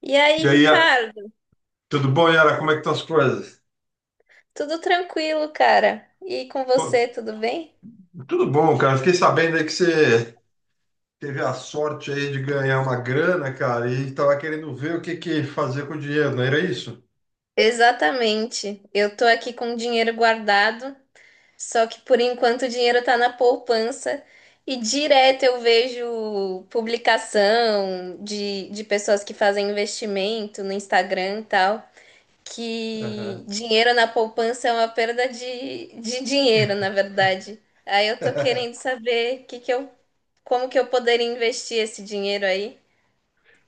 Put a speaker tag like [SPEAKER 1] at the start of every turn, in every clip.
[SPEAKER 1] E aí,
[SPEAKER 2] E aí,
[SPEAKER 1] Ricardo?
[SPEAKER 2] tudo bom, Yara? Como é que estão as coisas?
[SPEAKER 1] Tudo tranquilo, cara? E com você,
[SPEAKER 2] Pô,
[SPEAKER 1] tudo bem?
[SPEAKER 2] tudo bom, cara. Fiquei sabendo aí que você teve a sorte aí de ganhar uma grana, cara, e estava querendo ver o que que fazer com o dinheiro, não era isso?
[SPEAKER 1] Exatamente. Eu tô aqui com o dinheiro guardado, só que por enquanto o dinheiro tá na poupança e direto eu vejo publicação de pessoas que fazem investimento no Instagram e tal, que
[SPEAKER 2] Aham.
[SPEAKER 1] dinheiro na poupança é uma perda de dinheiro, na verdade. Aí eu tô querendo saber como que eu poderia investir esse dinheiro aí.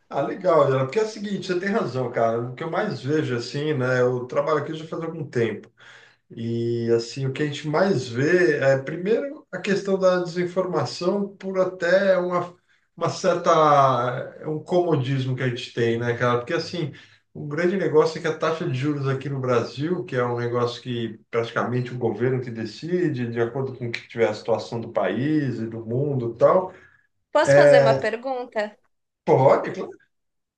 [SPEAKER 2] Ah, legal, Yara. Porque é o seguinte, você tem razão, cara. O que eu mais vejo assim, né? Eu trabalho aqui já faz algum tempo. E assim, o que a gente mais vê é, primeiro, a questão da desinformação por até uma certa, é um comodismo que a gente tem, né, cara? Porque assim, o grande negócio é que a taxa de juros aqui no Brasil, que é um negócio que praticamente o governo que decide, de acordo com o que tiver a situação do país e do mundo e tal.
[SPEAKER 1] Posso fazer uma pergunta?
[SPEAKER 2] Pode.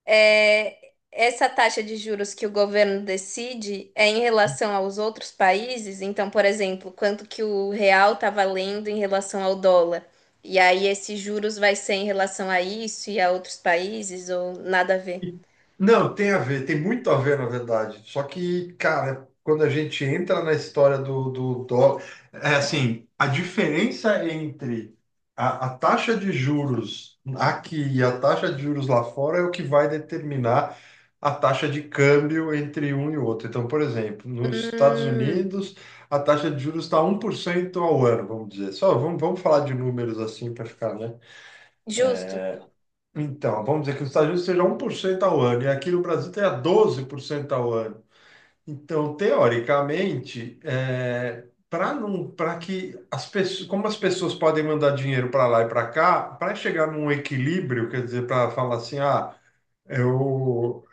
[SPEAKER 1] É, essa taxa de juros que o governo decide é em relação aos outros países? Então, por exemplo, quanto que o real está valendo em relação ao dólar? E aí, esses juros vai ser em relação a isso e a outros países ou nada a ver?
[SPEAKER 2] E- Não, tem a ver, tem muito a ver, na verdade. Só que, cara, quando a gente entra na história do dólar, é assim, a diferença entre a taxa de juros aqui e a taxa de juros lá fora é o que vai determinar a taxa de câmbio entre um e outro. Então, por exemplo, nos Estados
[SPEAKER 1] Hum,
[SPEAKER 2] Unidos, a taxa de juros está 1% ao ano, vamos dizer. Só vamos falar de números assim para ficar, né?
[SPEAKER 1] justo.
[SPEAKER 2] Então, vamos dizer que os Estados Unidos seja 1% ao ano, e aqui no Brasil tenha 12% ao ano. Então, teoricamente, para não, para que as pessoas, como as pessoas podem mandar dinheiro para lá e para cá, para chegar num equilíbrio, quer dizer, para falar assim, ah, eu,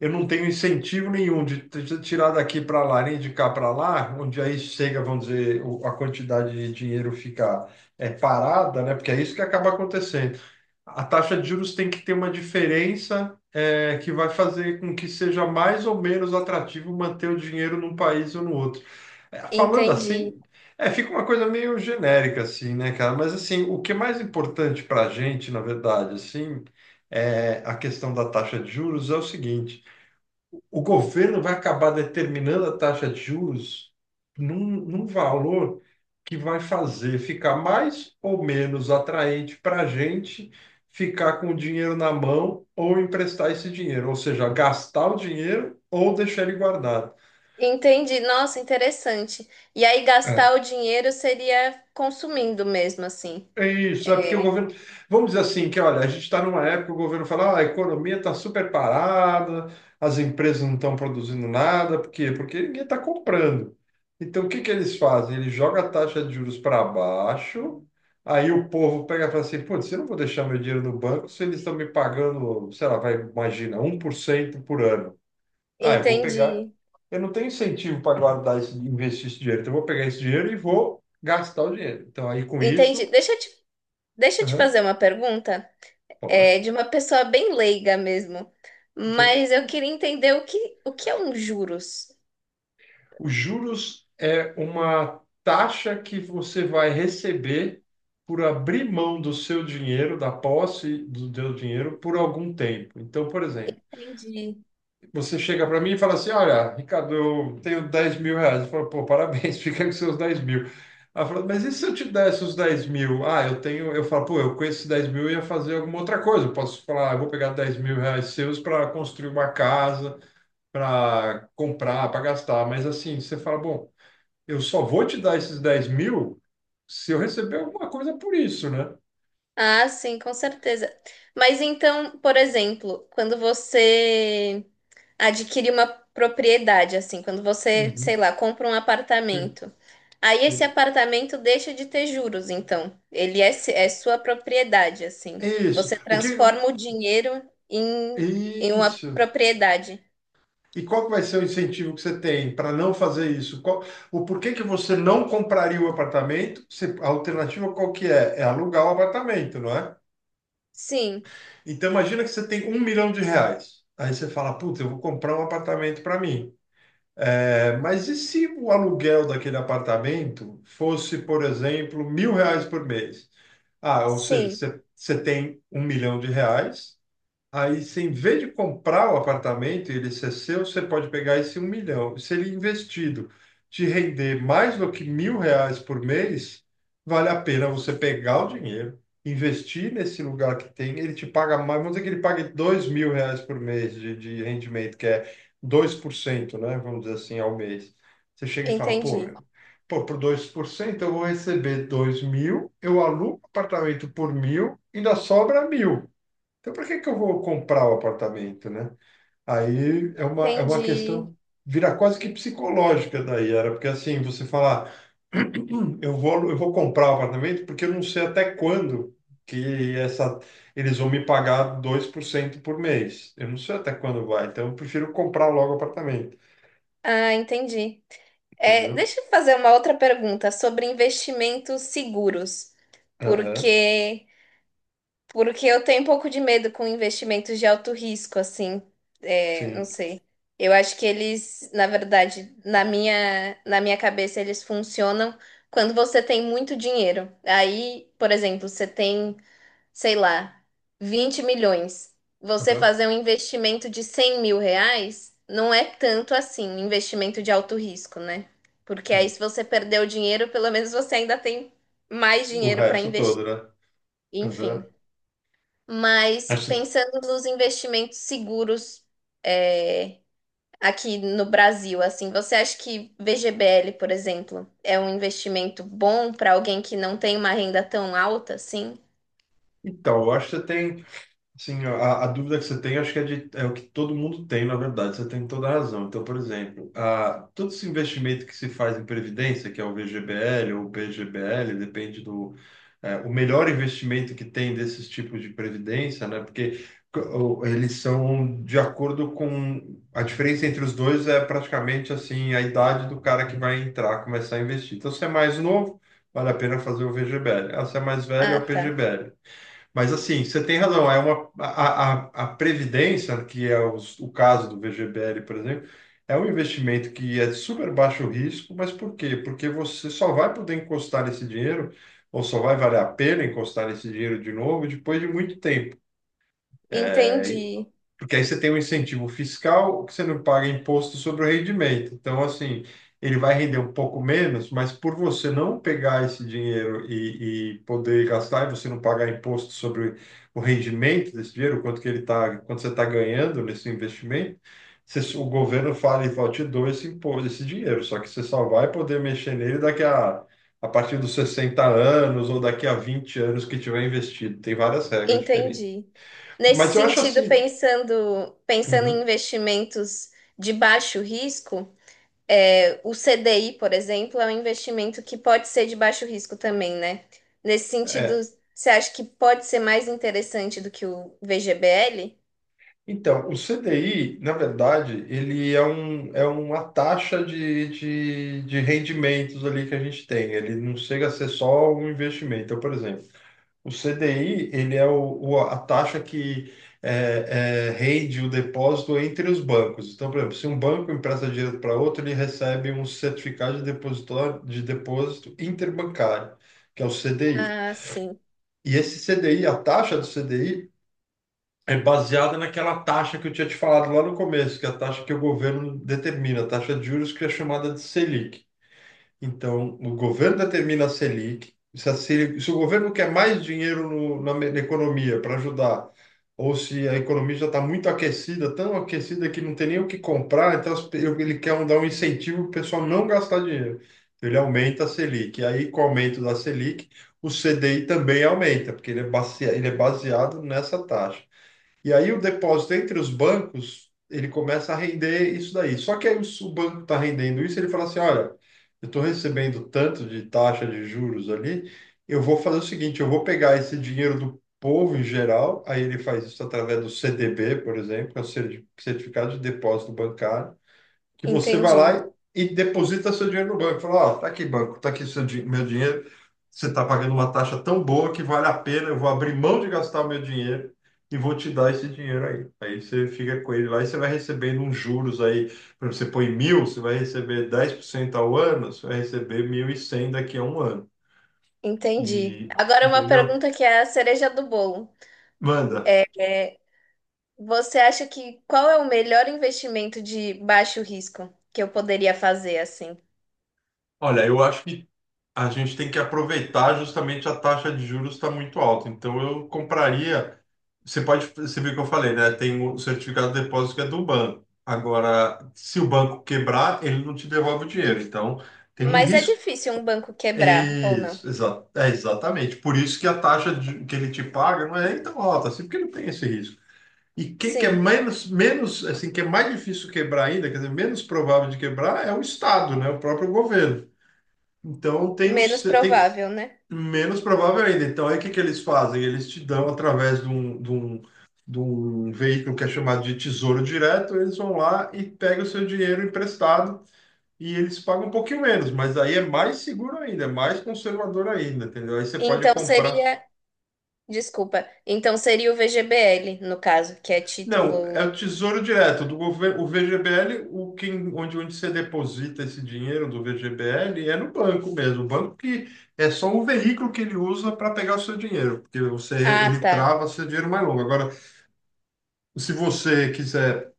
[SPEAKER 2] eu não tenho incentivo nenhum de tirar daqui para lá, nem de cá para lá, onde aí chega, vamos dizer, a quantidade de dinheiro fica parada, né? Porque é isso que acaba acontecendo. A taxa de juros tem que ter uma diferença que vai fazer com que seja mais ou menos atrativo manter o dinheiro num país ou no outro. Falando
[SPEAKER 1] Entendi.
[SPEAKER 2] assim, fica uma coisa meio genérica, assim, né, cara? Mas, assim, o que é mais importante para a gente, na verdade, assim, a questão da taxa de juros é o seguinte: o governo vai acabar determinando a taxa de juros num valor que vai fazer ficar mais ou menos atraente para a gente ficar com o dinheiro na mão ou emprestar esse dinheiro, ou seja, gastar o dinheiro ou deixar ele guardado.
[SPEAKER 1] Entendi. Nossa, interessante. E aí, gastar
[SPEAKER 2] É.
[SPEAKER 1] o dinheiro seria consumindo mesmo, assim.
[SPEAKER 2] É isso, é porque o
[SPEAKER 1] É,
[SPEAKER 2] governo. Vamos dizer assim, que olha, a gente está numa época, que o governo fala, "Ah, a economia está super parada, as empresas não estão produzindo nada, por quê? Porque ninguém está comprando. Então, o que que eles fazem? Eles jogam a taxa de juros para baixo, aí o povo pega e fala assim, putz, eu não vou deixar meu dinheiro no banco se eles estão me pagando, sei lá, vai, imagina, 1% por cento por ano. Ah, eu vou pegar.
[SPEAKER 1] entendi.
[SPEAKER 2] Eu não tenho incentivo para guardar esse, investir esse dinheiro, então eu vou pegar esse dinheiro e vou gastar o dinheiro. Então, aí com
[SPEAKER 1] Entendi.
[SPEAKER 2] isso.
[SPEAKER 1] Deixa eu te fazer uma pergunta,
[SPEAKER 2] Pode,
[SPEAKER 1] é, de uma pessoa bem leiga mesmo,
[SPEAKER 2] não tem
[SPEAKER 1] mas eu
[SPEAKER 2] problema.
[SPEAKER 1] queria entender o que é um juros.
[SPEAKER 2] Os juros é uma taxa que você vai receber por abrir mão do seu dinheiro, da posse do seu dinheiro, por algum tempo. Então, por exemplo,
[SPEAKER 1] Entendi.
[SPEAKER 2] você chega para mim e fala assim: Olha, Ricardo, eu tenho 10 mil reais. Eu falo, pô, parabéns, fica com seus 10 mil. Ela fala, mas e se eu te desse os 10 mil? Ah, eu tenho. Eu falo, pô, eu com esses 10 mil eu ia fazer alguma outra coisa. Eu posso falar, "Ah, eu vou pegar 10 mil reais seus para construir uma casa para comprar, para gastar. Mas assim, você fala, bom, eu só vou te dar esses 10 mil se eu receber alguma coisa por isso, né?
[SPEAKER 1] Ah, sim, com certeza. Mas então, por exemplo, quando você adquire uma propriedade, assim, quando você, sei
[SPEAKER 2] Uhum.
[SPEAKER 1] lá, compra um
[SPEAKER 2] Sim,
[SPEAKER 1] apartamento, aí esse
[SPEAKER 2] sim.
[SPEAKER 1] apartamento deixa de ter juros, então. Ele é, se- é sua propriedade, assim.
[SPEAKER 2] Isso.
[SPEAKER 1] Você
[SPEAKER 2] O que...
[SPEAKER 1] transforma o dinheiro em, em uma
[SPEAKER 2] Isso.
[SPEAKER 1] propriedade.
[SPEAKER 2] E qual que vai ser o incentivo que você tem para não fazer isso? Qual... O porquê que você não compraria o apartamento? Se... A alternativa qual que é? É alugar o apartamento, não é?
[SPEAKER 1] Sim.
[SPEAKER 2] Então imagina que você tem 1 milhão de reais. Aí você fala, puta, eu vou comprar um apartamento para mim. Mas e se o aluguel daquele apartamento fosse, por exemplo, mil reais por mês? Ah, ou seja,
[SPEAKER 1] Sim,
[SPEAKER 2] você tem 1 milhão de reais. Aí, se em vez de comprar o apartamento e ele ser seu, você pode pegar esse 1 milhão. Se ele investido te render mais do que mil reais por mês, vale a pena você pegar o dinheiro, investir nesse lugar que tem, ele te paga mais, vamos dizer que ele pague 2 mil reais por mês de rendimento, que é 2%, né? Vamos dizer assim, ao mês. Você chega e fala, pô,
[SPEAKER 1] entendi.
[SPEAKER 2] meu, pô, por 2% eu vou receber 2 mil, eu alugo apartamento por mil, ainda sobra mil. Então, para que que eu vou comprar o apartamento, né? Aí é uma
[SPEAKER 1] Entendi.
[SPEAKER 2] questão, vira quase que psicológica daí, era porque assim, você falar, eu vou comprar o apartamento porque eu não sei até quando que essa, eles vão me pagar 2% por cento por mês. Eu não sei até quando vai, então eu prefiro comprar logo o apartamento,
[SPEAKER 1] Ah, entendi. É,
[SPEAKER 2] entendeu?
[SPEAKER 1] deixa eu fazer uma outra pergunta sobre investimentos seguros,
[SPEAKER 2] Aham,
[SPEAKER 1] porque porque eu tenho um pouco de medo com investimentos de alto risco, assim, é, não
[SPEAKER 2] sim.
[SPEAKER 1] sei. Eu acho que eles, na verdade, na minha cabeça eles funcionam quando você tem muito dinheiro. Aí, por exemplo, você tem sei lá, 20 milhões, você
[SPEAKER 2] Aham.
[SPEAKER 1] fazer um investimento de R$ 100 mil não é tanto assim, investimento de alto risco, né? Porque aí,
[SPEAKER 2] Hum,
[SPEAKER 1] se você perdeu o dinheiro, pelo menos você ainda tem mais
[SPEAKER 2] o
[SPEAKER 1] dinheiro para
[SPEAKER 2] resto
[SPEAKER 1] investir.
[SPEAKER 2] todo, né? Aham.
[SPEAKER 1] Enfim. Mas
[SPEAKER 2] Acho-
[SPEAKER 1] pensando nos investimentos seguros, é, aqui no Brasil, assim, você acha que VGBL, por exemplo, é um investimento bom para alguém que não tem uma renda tão alta assim?
[SPEAKER 2] Então, eu acho que você tem. Sim, a dúvida que você tem, acho que é o que todo mundo tem, na verdade, você tem toda a razão. Então, por exemplo, todo esse investimento que se faz em previdência, que é o VGBL ou o PGBL, depende do. O melhor investimento que tem desses tipos de previdência, né? Porque eles são de acordo com. A diferença entre os dois é praticamente assim a idade do cara que vai entrar, começar a investir. Então, se é mais novo, vale a pena fazer o VGBL. Ah, se é mais velho, é
[SPEAKER 1] Ah,
[SPEAKER 2] o
[SPEAKER 1] tá.
[SPEAKER 2] PGBL. Mas assim, você tem razão, a previdência, que é o caso do VGBL, por exemplo, é um investimento que é de super baixo risco, mas por quê? Porque você só vai poder encostar esse dinheiro, ou só vai valer a pena encostar esse dinheiro de novo depois de muito tempo. É,
[SPEAKER 1] Entendi.
[SPEAKER 2] porque aí você tem um incentivo fiscal que você não paga imposto sobre o rendimento. Então, assim, ele vai render um pouco menos, mas por você não pegar esse dinheiro e poder gastar, e você não pagar imposto sobre o rendimento desse dinheiro, quanto que ele tá, quanto você está ganhando nesse investimento, o governo fala e fala, te dou esse imposto, esse dinheiro, só que você só vai poder mexer nele a partir dos 60 anos ou daqui a 20 anos que tiver investido. Tem várias regras diferentes.
[SPEAKER 1] Entendi. Nesse
[SPEAKER 2] Mas eu acho
[SPEAKER 1] sentido,
[SPEAKER 2] assim.
[SPEAKER 1] pensando em
[SPEAKER 2] Uhum.
[SPEAKER 1] investimentos de baixo risco, é, o CDI, por exemplo, é um investimento que pode ser de baixo risco também, né? Nesse sentido, você acha que pode ser mais interessante do que o VGBL?
[SPEAKER 2] Então, o CDI, na verdade, ele é uma taxa de rendimentos ali que a gente tem. Ele não chega a ser só um investimento. Então, por exemplo, o CDI, ele é a taxa que rende o depósito entre os bancos. Então, por exemplo, se um banco empresta dinheiro para outro, ele recebe um certificado de depositório, de depósito interbancário, que é o CDI.
[SPEAKER 1] Ah, sim.
[SPEAKER 2] E esse CDI, a taxa do CDI, é baseada naquela taxa que eu tinha te falado lá no começo, que é a taxa que o governo determina, a taxa de juros que é chamada de Selic. Então, o governo determina a Selic. Se o governo quer mais dinheiro na economia para ajudar, ou se a economia já está muito aquecida, tão aquecida que não tem nem o que comprar, então ele quer dar um incentivo para o pessoal não gastar dinheiro. Então, ele aumenta a Selic. E aí, com o aumento da Selic, o CDI também aumenta, porque ele é baseado nessa taxa. E aí o depósito entre os bancos, ele começa a render isso daí. Só que aí o banco está rendendo isso, ele fala assim, olha, eu estou recebendo tanto de taxa de juros ali, eu vou fazer o seguinte, eu vou pegar esse dinheiro do povo em geral, aí ele faz isso através do CDB, por exemplo, que é o Certificado de Depósito Bancário, que você vai
[SPEAKER 1] Entendi.
[SPEAKER 2] lá e deposita seu dinheiro no banco. Fala, ó, tá aqui, banco, tá aqui meu dinheiro. Você tá pagando uma taxa tão boa que vale a pena. Eu vou abrir mão de gastar o meu dinheiro e vou te dar esse dinheiro aí. Aí você fica com ele lá e você vai recebendo uns juros aí. Por exemplo, você põe mil, você vai receber 10% ao ano, você vai receber 1.100 daqui a um ano.
[SPEAKER 1] Entendi.
[SPEAKER 2] E,
[SPEAKER 1] Agora uma
[SPEAKER 2] entendeu?
[SPEAKER 1] pergunta que é a cereja do bolo.
[SPEAKER 2] Manda.
[SPEAKER 1] É, você acha que qual é o melhor investimento de baixo risco que eu poderia fazer assim?
[SPEAKER 2] Olha, eu acho que a gente tem que aproveitar justamente a taxa de juros está muito alta. Então eu compraria. Você pode, você viu o que eu falei, né? Tem o certificado de depósito que é do banco. Agora, se o banco quebrar, ele não te devolve o dinheiro. Então tem um
[SPEAKER 1] Mas é
[SPEAKER 2] risco.
[SPEAKER 1] difícil um banco quebrar, ou não?
[SPEAKER 2] Isso, é exatamente. Por isso que a taxa que ele te paga não é tão alta assim, porque não tem esse risco. E quem que é
[SPEAKER 1] Sim,
[SPEAKER 2] menos, assim, que é mais difícil quebrar ainda, quer dizer, menos provável de quebrar é o Estado, né? O próprio governo. Então, tem, os,
[SPEAKER 1] menos
[SPEAKER 2] tem.
[SPEAKER 1] provável, né?
[SPEAKER 2] Menos provável ainda. Então, aí o que que eles fazem? Eles te dão através de um, veículo que é chamado de Tesouro Direto, eles vão lá e pegam o seu dinheiro emprestado e eles pagam um pouquinho menos, mas aí é mais seguro ainda, é mais conservador ainda, entendeu? Aí você pode
[SPEAKER 1] Então
[SPEAKER 2] comprar.
[SPEAKER 1] seria, desculpa, então seria o VGBL, no caso, que é
[SPEAKER 2] Não, é
[SPEAKER 1] título.
[SPEAKER 2] o Tesouro Direto do governo, o VGBL, onde você deposita esse dinheiro do VGBL é no banco mesmo, o banco que é só o veículo que ele usa para pegar o seu dinheiro, porque você
[SPEAKER 1] Ah,
[SPEAKER 2] ele
[SPEAKER 1] tá.
[SPEAKER 2] trava seu dinheiro mais longo. Agora, se você quiser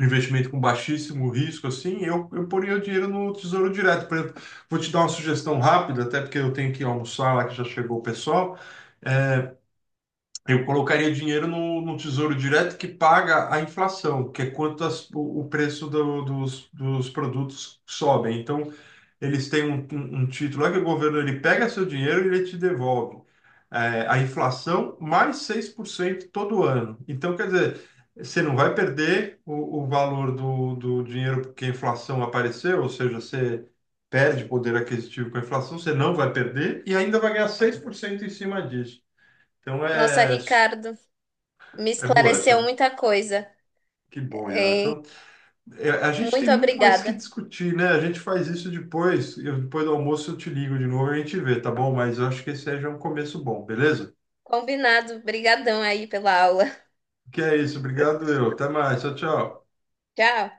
[SPEAKER 2] um investimento com baixíssimo risco, assim, eu poria o dinheiro no Tesouro Direto. Por exemplo, vou te dar uma sugestão rápida, até porque eu tenho que almoçar lá que já chegou o pessoal. É, Eu colocaria dinheiro no Tesouro Direto que paga a inflação, que é quanto o preço dos produtos sobem. Então, eles têm um título lá que o governo ele pega seu dinheiro e ele te devolve. A inflação mais 6% todo ano. Então, quer dizer, você não vai perder o valor do dinheiro porque a inflação apareceu, ou seja, você perde poder aquisitivo com a inflação, você não vai perder e ainda vai ganhar 6% em cima disso. Então,
[SPEAKER 1] Nossa,
[SPEAKER 2] é,
[SPEAKER 1] Ricardo, me
[SPEAKER 2] é boa essa,
[SPEAKER 1] esclareceu
[SPEAKER 2] né?
[SPEAKER 1] muita coisa.
[SPEAKER 2] Que bom, Yara.
[SPEAKER 1] Hein?
[SPEAKER 2] Então, a gente tem
[SPEAKER 1] Muito
[SPEAKER 2] muito mais que
[SPEAKER 1] obrigada.
[SPEAKER 2] discutir, né? A gente faz isso depois. Depois do almoço eu te ligo de novo e a gente vê, tá bom? Mas eu acho que esse aí já é um começo bom, beleza?
[SPEAKER 1] Combinado. Brigadão aí pela aula.
[SPEAKER 2] Que é isso. Obrigado, eu. Até mais. Tchau, tchau.
[SPEAKER 1] Tchau.